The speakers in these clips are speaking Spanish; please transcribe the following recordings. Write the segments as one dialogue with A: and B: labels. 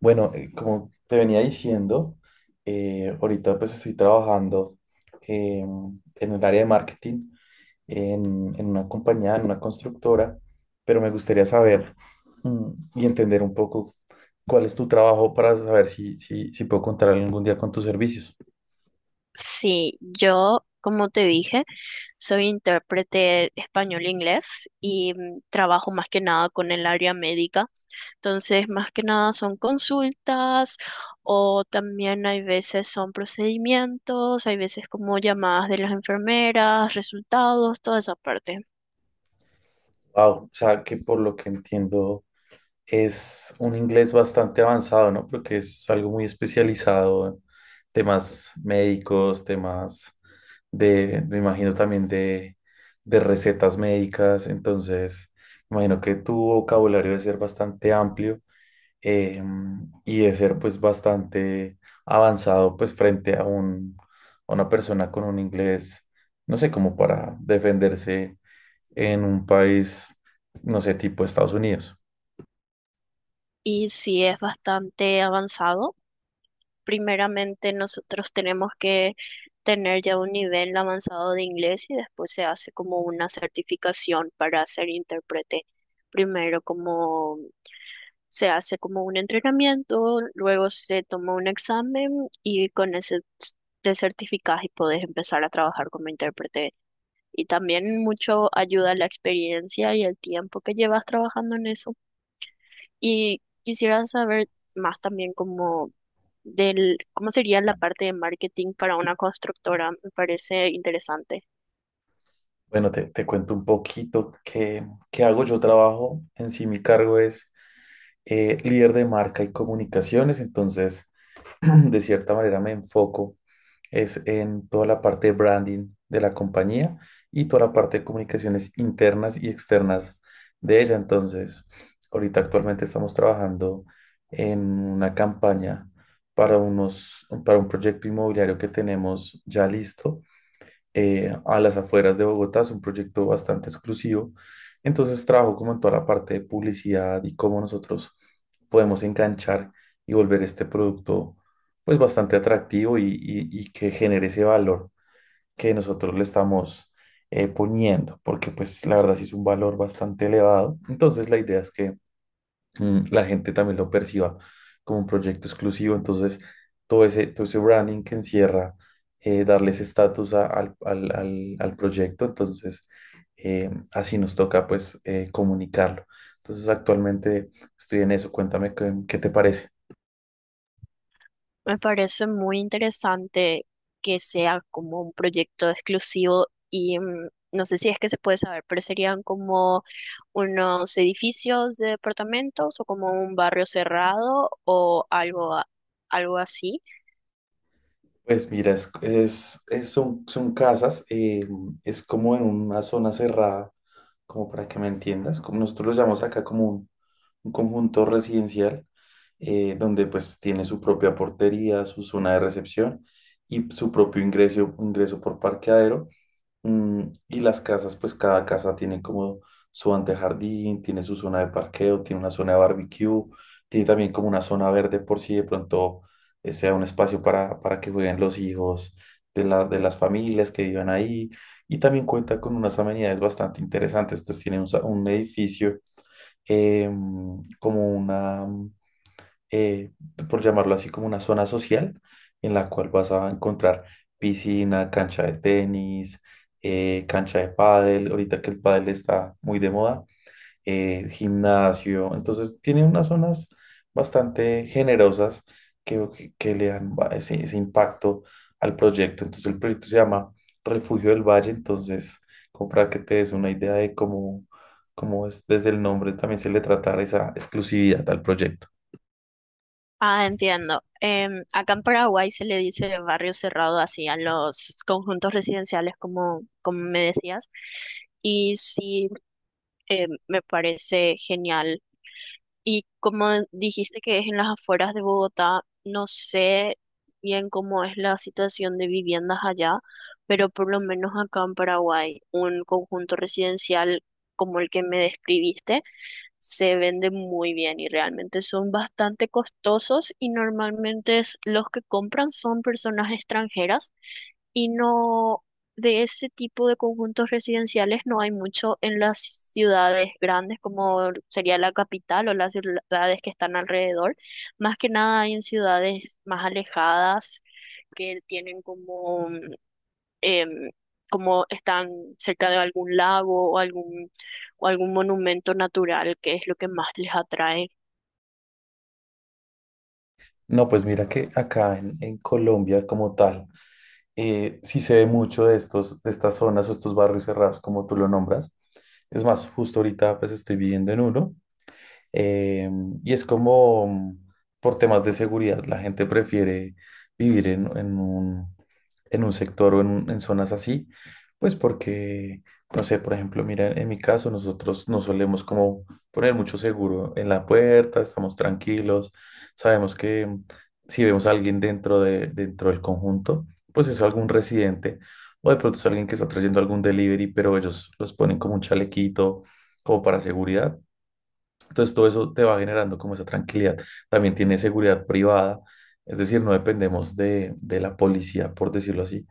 A: Bueno, como te venía diciendo, ahorita pues estoy trabajando en el área de marketing en una compañía, en una constructora, pero me gustaría saber mm, y entender un poco cuál es tu trabajo para saber si puedo contar algún día con tus servicios.
B: Sí, yo, como te dije, soy intérprete español-inglés y trabajo más que nada con el área médica. Entonces, más que nada son consultas o también hay veces son procedimientos, hay veces como llamadas de las enfermeras, resultados, toda esa parte.
A: Wow, o sea que por lo que entiendo es un inglés bastante avanzado, ¿no? Porque es algo muy especializado, temas médicos, me imagino también de recetas médicas, entonces, me imagino que tu vocabulario debe ser bastante amplio, eh, y debe ser pues bastante avanzado pues frente a una persona con un inglés, no sé, como para defenderse en un país, no sé, tipo Estados Unidos.
B: Y sí, es bastante avanzado, primeramente nosotros tenemos que tener ya un nivel avanzado de inglés y después se hace como una certificación para ser intérprete. Primero como se hace como un entrenamiento, luego se toma un examen y con ese te certificas y puedes empezar a trabajar como intérprete. Y también mucho ayuda la experiencia y el tiempo que llevas trabajando en eso. Y quisiera saber más también como del cómo sería la parte de marketing para una constructora. Me parece interesante.
A: Bueno, te cuento un poquito qué hago. Yo trabajo en sí, mi cargo es líder de marca y comunicaciones, entonces de cierta manera me enfoco es en toda la parte de branding de la compañía y toda la parte de comunicaciones internas y externas de ella. Entonces, ahorita actualmente estamos trabajando en una campaña para un proyecto inmobiliario que tenemos ya listo a las afueras de Bogotá. Es un proyecto bastante exclusivo. Entonces trabajo como en toda la parte de publicidad y cómo nosotros podemos enganchar y volver este producto pues bastante atractivo y que genere ese valor que nosotros le estamos poniendo, porque pues la verdad sí es un valor bastante elevado. Entonces la idea es que la gente también lo perciba como un proyecto exclusivo. Entonces, todo ese branding que encierra, darle ese estatus al proyecto, entonces así nos toca pues comunicarlo. Entonces, actualmente estoy en eso. Cuéntame qué te parece.
B: Me parece muy interesante que sea como un proyecto exclusivo y no sé si es que se puede saber, pero serían como unos edificios de departamentos o como un barrio cerrado o algo, algo así.
A: Pues mira, son casas, es como en una zona cerrada, como para que me entiendas, como nosotros lo llamamos acá como un conjunto residencial, donde pues tiene su propia portería, su zona de recepción y su propio ingreso por parqueadero. Mm, y las casas, pues cada casa tiene como su antejardín, tiene su zona de parqueo, tiene una zona de barbecue, tiene también como una zona verde por si de pronto sea un espacio para que jueguen los hijos de las familias que vivan ahí. Y también cuenta con unas amenidades bastante interesantes. Entonces tiene un edificio, eh, como una, eh, por llamarlo así, como una zona social en la cual vas a encontrar piscina, cancha de tenis, cancha de pádel, ahorita que el pádel está muy de moda, gimnasio. Entonces tiene unas zonas bastante generosas que le dan ese impacto al proyecto. Entonces el proyecto se llama Refugio del Valle. Entonces, como para que te des una idea de cómo es, desde el nombre también se le trata esa exclusividad al proyecto.
B: Ah, entiendo. Acá en Paraguay se le dice barrio cerrado así a los conjuntos residenciales, como, como me decías. Y sí, me parece genial. Y como dijiste que es en las afueras de Bogotá, no sé bien cómo es la situación de viviendas allá, pero por lo menos acá en Paraguay, un conjunto residencial como el que me describiste se vende muy bien y realmente son bastante costosos y normalmente los que compran son personas extranjeras y no de ese tipo de conjuntos residenciales no hay mucho en las ciudades grandes como sería la capital o las ciudades que están alrededor. Más que nada hay en ciudades más alejadas que tienen como em, como están cerca de algún lago o algún monumento natural, que es lo que más les atrae.
A: No, pues mira que acá en Colombia como tal, sí se ve mucho de estos, de estas zonas o estos barrios cerrados, como tú lo nombras. Es más, justo ahorita pues estoy viviendo en uno. Eh, y es como por temas de seguridad, la gente prefiere vivir en un sector o en en zonas así, pues porque, no sé, por ejemplo, mira, en mi caso nosotros no solemos como poner mucho seguro en la puerta, estamos tranquilos, sabemos que si vemos a alguien dentro del conjunto, pues es algún residente o de pronto es alguien que está trayendo algún delivery, pero ellos los ponen como un chalequito, como para seguridad. Entonces todo eso te va generando como esa tranquilidad. También tiene seguridad privada, es decir, no dependemos de la policía, por decirlo así,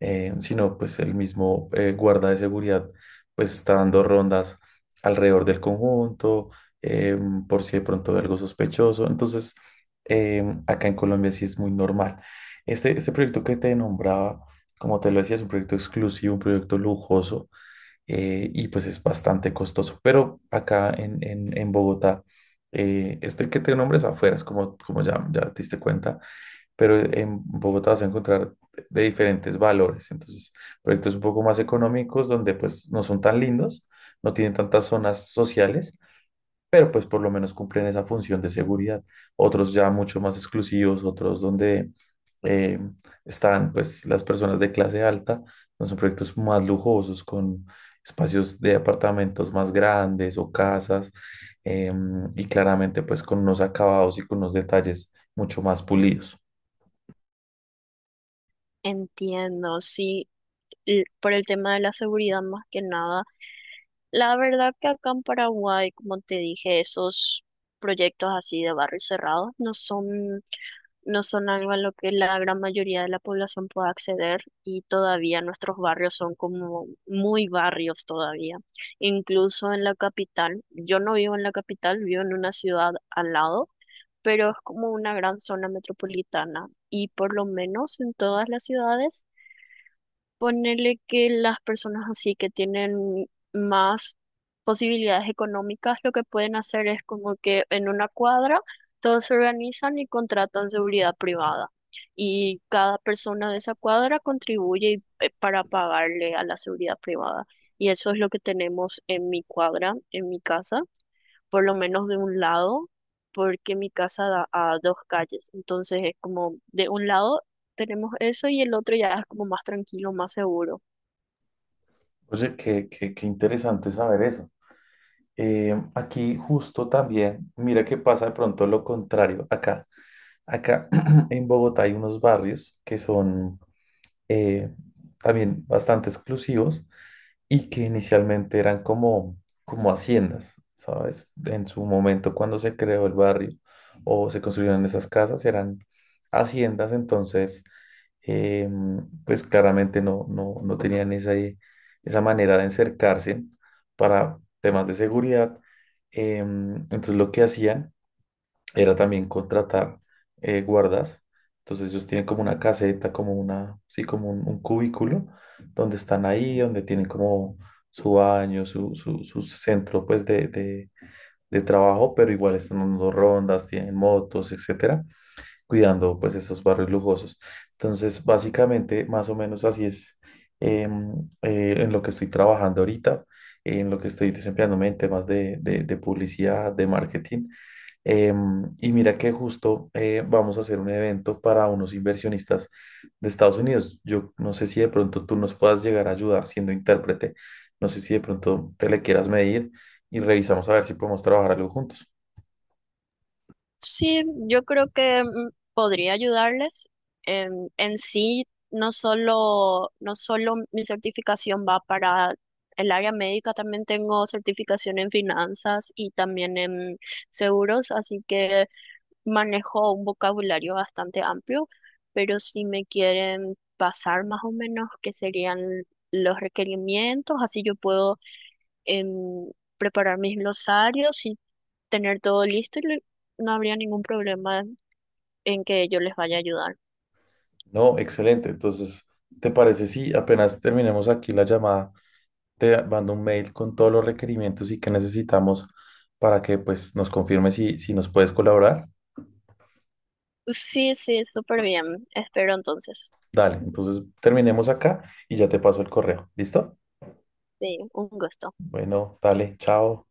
A: sino pues el mismo guarda de seguridad pues está dando rondas alrededor del conjunto, eh, por si de pronto hay algo sospechoso. Entonces, acá en Colombia sí es muy normal. Este proyecto que te nombraba, como te lo decía, es un proyecto exclusivo, un proyecto lujoso, y pues es bastante costoso. Pero acá en Bogotá, este que te nombres afuera, es como, como ya, ya te diste cuenta, pero en Bogotá vas a encontrar de diferentes valores. Entonces, proyectos un poco más económicos donde pues no son tan lindos, no tienen tantas zonas sociales, pero pues por lo menos cumplen esa función de seguridad. Otros ya mucho más exclusivos, otros donde eh, están pues las personas de clase alta, ¿no? Son proyectos más lujosos con espacios de apartamentos más grandes o casas, em, y claramente pues con unos acabados y con unos detalles mucho más pulidos.
B: Entiendo, sí, por el tema de la seguridad más que nada. La verdad que acá en Paraguay, como te dije, esos proyectos así de barrios cerrados no son algo a lo que la gran mayoría de la población pueda acceder y todavía nuestros barrios son como muy barrios todavía. Incluso en la capital, yo no vivo en la capital, vivo en una ciudad al lado, pero es como una gran zona metropolitana y por lo menos en todas las ciudades. Ponerle que las personas así que tienen más posibilidades económicas, lo que pueden hacer es como que en una cuadra todos se organizan y contratan seguridad privada. Y cada persona de esa cuadra contribuye para pagarle a la seguridad privada. Y eso es lo que tenemos en mi cuadra, en mi casa por lo menos de un lado, porque mi casa da a dos calles, entonces es como de un lado tenemos eso y el otro ya es como más tranquilo, más seguro.
A: Oye, qué interesante saber eso. Aquí justo también, mira que pasa de pronto lo contrario. Acá en Bogotá hay unos barrios que son eh, también bastante exclusivos y que inicialmente eran como, como haciendas, ¿sabes? En su momento cuando se creó el barrio o se construyeron esas casas eran haciendas, entonces, eh, pues claramente no tenían esa manera de encercarse para temas de seguridad. Entonces lo que hacían era también contratar, guardas. Entonces ellos tienen como una caseta, como una, sí, como un cubículo, donde están ahí, donde tienen como su baño, su centro pues de trabajo, pero igual están dando rondas, tienen motos, etcétera, cuidando pues esos barrios lujosos. Entonces, básicamente, más o menos así es, em, en lo que estoy trabajando ahorita, en lo que estoy desempeñándome en temas de publicidad, de marketing. Em, y mira que justo vamos a hacer un evento para unos inversionistas de Estados Unidos. Yo no sé si de pronto tú nos puedas llegar a ayudar siendo intérprete. No sé si de pronto te le quieras medir y revisamos a ver si podemos trabajar algo juntos.
B: Sí, yo creo que podría ayudarles. En sí, no solo mi certificación va para el área médica, también tengo certificación en finanzas y también en seguros, así que manejo un vocabulario bastante amplio, pero si me quieren pasar más o menos qué serían los requerimientos, así yo puedo em, preparar mis glosarios y tener todo listo y no habría ningún problema en que yo les vaya a ayudar.
A: No, excelente. Entonces, ¿te parece si apenas terminemos aquí la llamada, te mando un mail con todos los requerimientos y que necesitamos para que pues nos confirme si nos puedes colaborar?
B: Sí, sí, súper bien. Espero entonces.
A: Dale, entonces terminemos acá y ya te paso el correo. ¿Listo?
B: Sí, un gusto.
A: Bueno, dale, chao.